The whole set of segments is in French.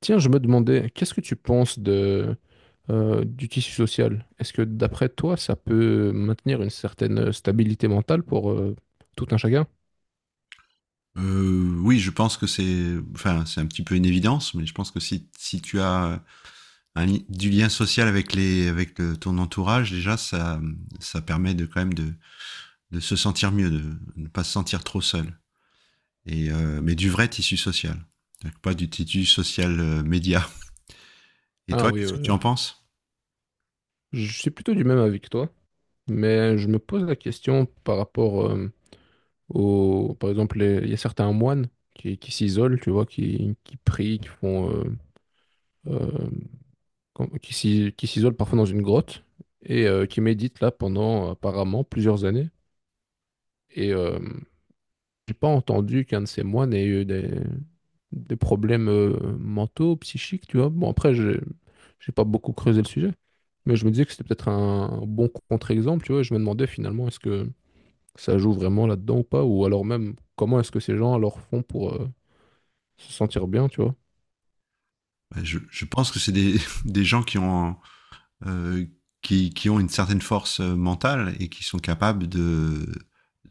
Tiens, je me demandais, qu'est-ce que tu penses du tissu social? Est-ce que d'après toi, ça peut maintenir une certaine stabilité mentale pour tout un chacun? Oui, je pense que c'est, c'est un petit peu une évidence, mais je pense que si tu as du lien social avec ton entourage, déjà, ça permet de quand même de se sentir mieux, de ne pas se sentir trop seul. Mais du vrai tissu social, donc, pas du tissu social média. Et Ah toi, oui, qu'est-ce que oui, tu oui. en penses? Je suis plutôt du même avec toi, mais je me pose la question par rapport par exemple, il y a certains moines qui s'isolent, tu vois, qui prient, qui font, euh, qui s'isolent parfois dans une grotte et qui méditent là pendant apparemment plusieurs années. Et j'ai pas entendu qu'un de ces moines ait eu des, problèmes mentaux, psychiques, tu vois. Bon, après, j'ai pas beaucoup creusé le sujet, mais je me disais que c'était peut-être un bon contre-exemple, tu vois. Et je me demandais finalement, est-ce que ça joue vraiment là-dedans ou pas, ou alors même, comment est-ce que ces gens alors font pour se sentir bien, tu vois. Je pense que c'est des, des gens qui ont euh, qui ont une certaine force mentale et qui sont capables de,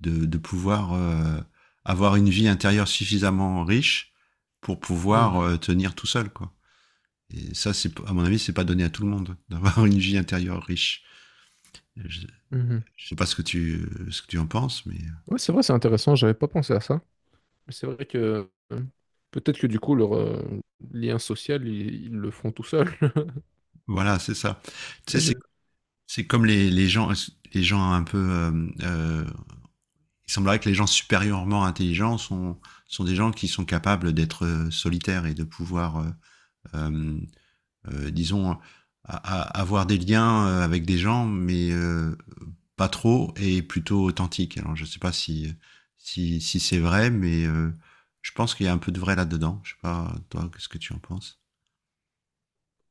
de, de pouvoir avoir une vie intérieure suffisamment riche pour Hmm, pouvoir tenir tout seul. Quoi. Et ça, c'est, à mon avis, c'est pas donné à tout le monde d'avoir une vie intérieure riche. Je, mhm. je sais pas ce que ce que tu en penses, mais Ouais, c'est vrai, c'est intéressant, j'avais pas pensé à ça. Mais c'est vrai que peut-être que du coup, leur lien social, ils le font tout seuls. voilà, c'est ça. Tu sais, Je- c'est comme les gens un peu il semblerait que les gens supérieurement intelligents sont des gens qui sont capables d'être solitaires et de euh, disons, avoir des liens avec des gens, mais pas trop et plutôt authentiques. Alors, je ne sais pas si c'est vrai, mais je pense qu'il y a un peu de vrai là-dedans. Je ne sais pas, toi, qu'est-ce que tu en penses?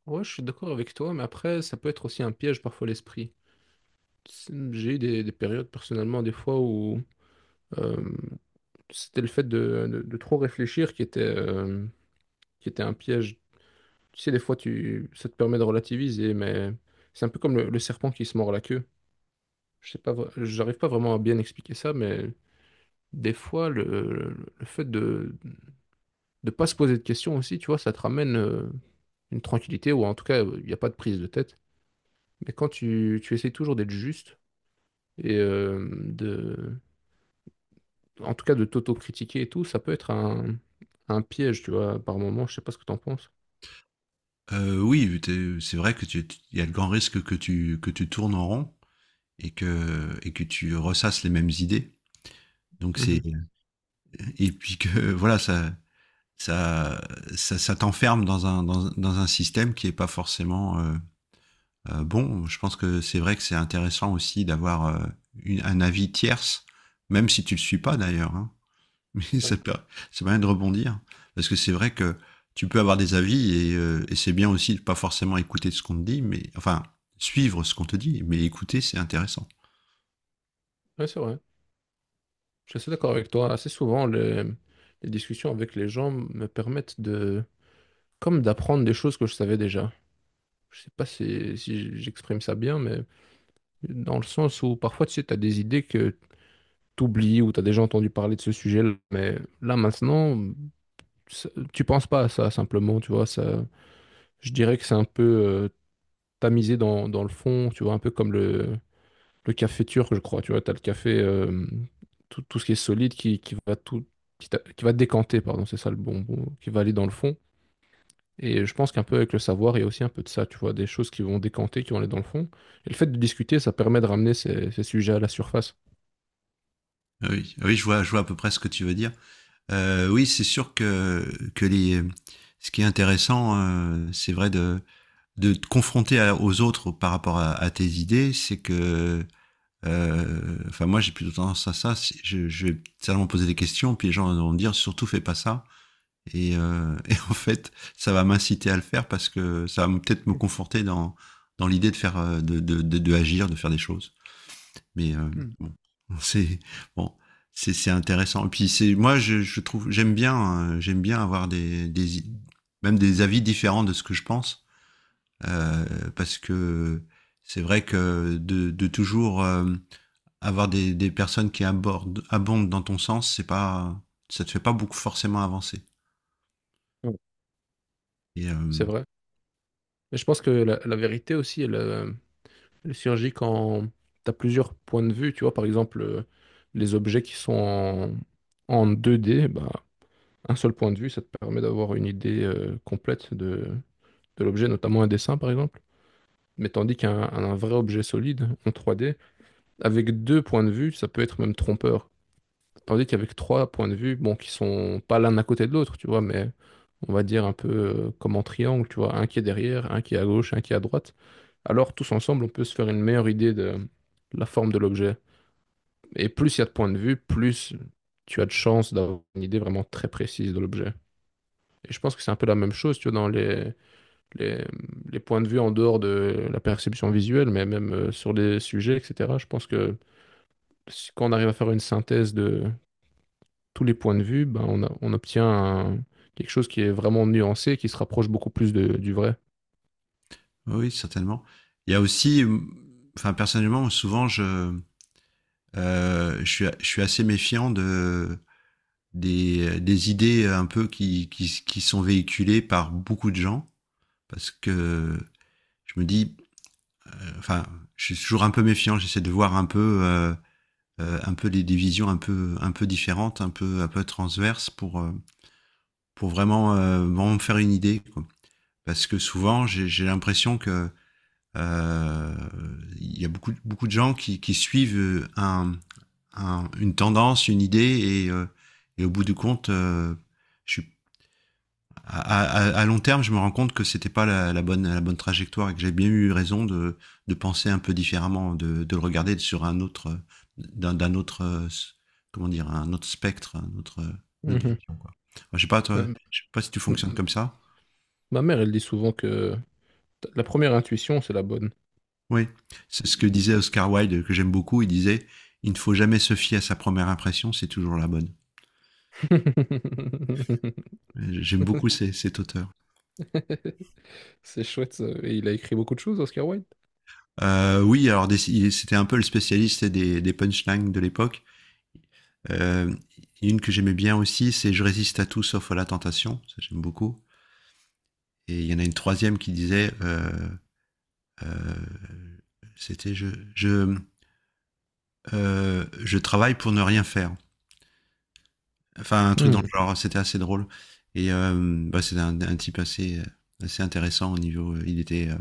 Ouais, je suis d'accord avec toi, mais après, ça peut être aussi un piège parfois l'esprit. J'ai eu des, périodes personnellement, des fois où euh, c'était le fait de trop réfléchir qui était, un piège. Tu sais, des fois, ça te permet de relativiser, mais c'est un peu comme le serpent qui se mord la queue. Je sais pas, j'arrive pas vraiment à bien expliquer ça, mais des fois, le fait de ne pas se poser de questions aussi, tu vois, ça te ramène une tranquillité, ou en tout cas, il n'y a pas de prise de tête. Mais quand tu essaies toujours d'être juste, et en tout cas de t'auto-critiquer et tout, ça peut être un piège, tu vois, par moment. Je sais pas ce que t'en penses. Oui, c'est vrai que il y a le grand risque que tu tournes en rond et que tu ressasses les mêmes idées. Donc, c'est Mhm. et puis que voilà, ça, ça t'enferme dans un système qui est pas forcément bon. Je pense que c'est vrai que c'est intéressant aussi d'avoir un avis tierce, même si tu le suis pas d'ailleurs. Hein. Mais Ouais, ça, peut, ça permet de rebondir parce que c'est vrai que tu peux avoir des avis et et c'est bien aussi de pas forcément écouter ce qu'on te dit, mais enfin suivre ce qu'on te dit, mais écouter c'est intéressant. Ouais, c'est vrai. Je suis assez d'accord avec toi. Assez souvent, les discussions avec les gens me permettent comme d'apprendre des choses que je savais déjà. Je sais pas si j'exprime ça bien, mais dans le sens où parfois, tu sais, t'as des idées que t'oublies ou t'as déjà entendu parler de ce sujet-là, mais là maintenant, tu penses pas à ça simplement, tu vois, ça, je dirais que c'est un peu tamisé dans le fond, tu vois, un peu comme le café turc, je crois, tu vois, tu as le café, tout, ce qui est solide qui va tout, qui, t'a- qui va décanter, pardon, c'est ça le bon mot, qui va aller dans le fond. Et je pense qu'un peu avec le savoir, il y a aussi un peu de ça, tu vois, des choses qui vont décanter, qui vont aller dans le fond. Et le fait de discuter, ça permet de ramener ces sujets à la surface. Ah oui, ah oui, je vois à peu près ce que tu veux dire. Oui, c'est sûr que ce qui est intéressant, c'est vrai de te confronter aux autres par rapport à tes idées, c'est que, enfin moi j'ai plutôt tendance à ça, je vais certainement poser des questions, puis les gens vont me dire surtout fais pas ça, et et en fait ça va m'inciter à le faire parce que ça va peut-être me conforter dans, dans l'idée de faire, de agir, de faire des choses. Mais Hmm. bon, c'est bon, c'est intéressant. Et puis c'est moi je trouve j'aime bien avoir des même des avis différents de ce que je pense parce que c'est vrai que de toujours avoir des personnes qui abondent dans ton sens, c'est pas ça te fait pas beaucoup forcément avancer. Ouais. Et euh, C'est vrai. Mais je pense que la vérité aussi, elle surgit quand tu as plusieurs points de vue, tu vois, par exemple, les objets qui sont en, 2D, bah, un seul point de vue, ça te permet d'avoir une idée complète de l'objet, notamment un dessin par exemple. Mais tandis qu'un un vrai objet solide en 3D, avec deux points de vue, ça peut être même trompeur. Tandis qu'avec trois points de vue, bon, qui sont pas l'un à côté de l'autre, tu vois, mais on va dire un peu comme en triangle, tu vois, un qui est derrière, un qui est à gauche, un qui est à droite. Alors tous ensemble, on peut se faire une meilleure idée de la forme de l'objet. Et plus il y a de points de vue, plus tu as de chances d'avoir une idée vraiment très précise de l'objet. Et je pense que c'est un peu la même chose, tu vois, dans les, les points de vue en dehors de la perception visuelle, mais même sur les sujets, etc. Je pense que quand on arrive à faire une synthèse de tous les points de vue, ben, on obtient quelque chose qui est vraiment nuancé, qui se rapproche beaucoup plus du vrai. oui, certainement. Il y a aussi, enfin personnellement, souvent je suis assez méfiant de des idées un peu qui sont véhiculées par beaucoup de gens, parce que je me dis, enfin, je suis toujours un peu méfiant, j'essaie de voir un peu des visions un peu différentes, un peu transverses pour vraiment, vraiment me faire une idée. Quoi. Parce que souvent, j'ai l'impression que euh, il y a beaucoup de gens qui suivent une tendance, une idée, et au bout du compte, je à, à long terme, je me rends compte que c'était pas la bonne trajectoire et que j'ai bien eu raison de penser un peu différemment, de le regarder sur un autre d'un autre comment dire un autre spectre, un autre une autre Mhm. vision quoi. Enfin, je sais pas Ma, toi, je sais pas si tu fonctionnes m- comme ça. ma mère, elle dit souvent que la première intuition, c'est la bonne. Oui, c'est ce que disait Oscar Wilde que j'aime beaucoup. Il disait il ne faut jamais se fier à sa première impression, c'est toujours la bonne. J'aime beaucoup cet auteur. C'est chouette, ça. Et il a écrit beaucoup de choses, Oscar Wilde. C'était un peu le spécialiste des punchlines de l'époque. Euh, une que j'aimais bien aussi, c'est je résiste à tout sauf à la tentation. Ça, j'aime beaucoup. Et il y en a une troisième qui disait euh, c'était je, je travaille pour ne rien faire. Enfin, un truc dans le genre, c'était assez drôle. Et euh, Bah, c'était un type assez intéressant au niveau. Il était.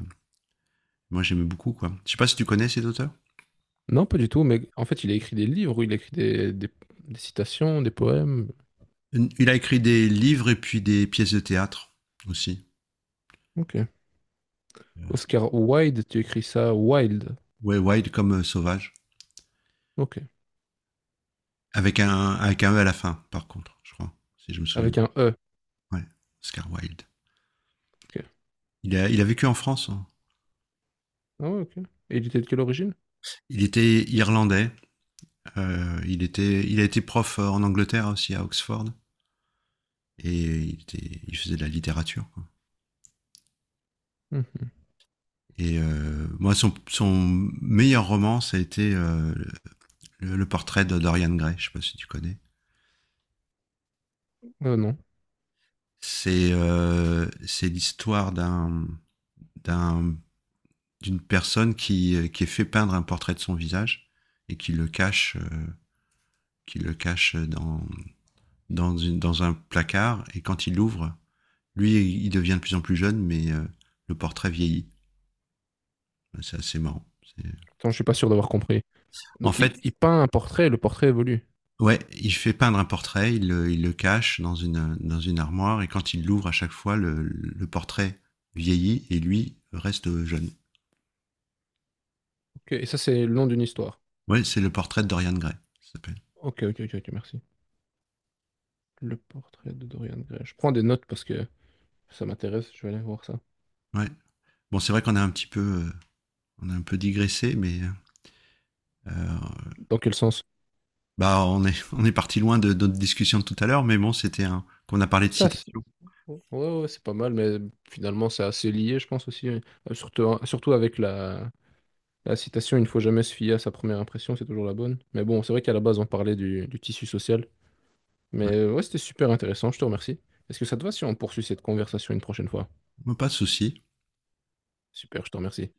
Moi, j'aimais beaucoup, quoi. Je sais pas si tu connais cet auteur. Non, pas du tout, mais en fait, il a écrit des livres, il a écrit des, des citations, des poèmes. Il a écrit des livres et puis des pièces de théâtre aussi. Ok. Euh, Oscar Wilde, tu écris ça Wilde. Ouais, Wild comme sauvage. Ok. Avec un E à la fin, par contre, je crois, si je me souviens. Avec un E. Ouais, Oscar Wilde. Ok. Il a vécu en France, hein. Ah ouais, ok. Et il était de quelle origine? Il était irlandais. Il a été prof en Angleterre aussi, à Oxford. Et il faisait de la littérature, quoi. Mhm. Moi, son meilleur roman, ça a été le portrait de Dorian Gray. Je sais pas si tu connais. Ah non. C'est l'histoire d'un- d'une personne qui est fait peindre un portrait de son visage et qui le cache dans un placard. Et quand il l'ouvre, lui, il devient de plus en plus jeune, mais le portrait vieillit. C'est assez marrant. C'est... Attends, je suis pas sûr d'avoir compris. En Donc, fait, il peint un portrait, le portrait évolue. ouais, il fait peindre un portrait, il le cache dans une armoire, et quand il l'ouvre à chaque fois, portrait vieillit et lui reste jeune. Ok. Et ça, c'est le long d'une histoire. Ouais, c'est le portrait de Dorian Gray, ça s'appelle. Ok, ok, ok, ok, merci. Le portrait de Dorian Gray. Je prends des notes parce que ça m'intéresse, je vais aller voir ça. Ouais. Bon, c'est vrai qu'on a un petit peu, on a un peu digressé, mais euh, Dans quel sens? bah, on est, on est parti loin de notre discussion de tout à l'heure, mais bon, c'était un qu'on a parlé de Ça, citation. Ouais, ouais, ouais, c'est pas mal, mais finalement, c'est assez lié, je pense aussi. Hein. Surtout, surtout avec la citation, il ne faut jamais se fier à sa première impression, c'est toujours la bonne. Mais bon, c'est vrai qu'à la base, on parlait du tissu social. Ouais. Mais ouais, c'était super intéressant, je te remercie. Est-ce que ça te va si on poursuit cette conversation une prochaine fois? Pas de souci. Super, je te remercie.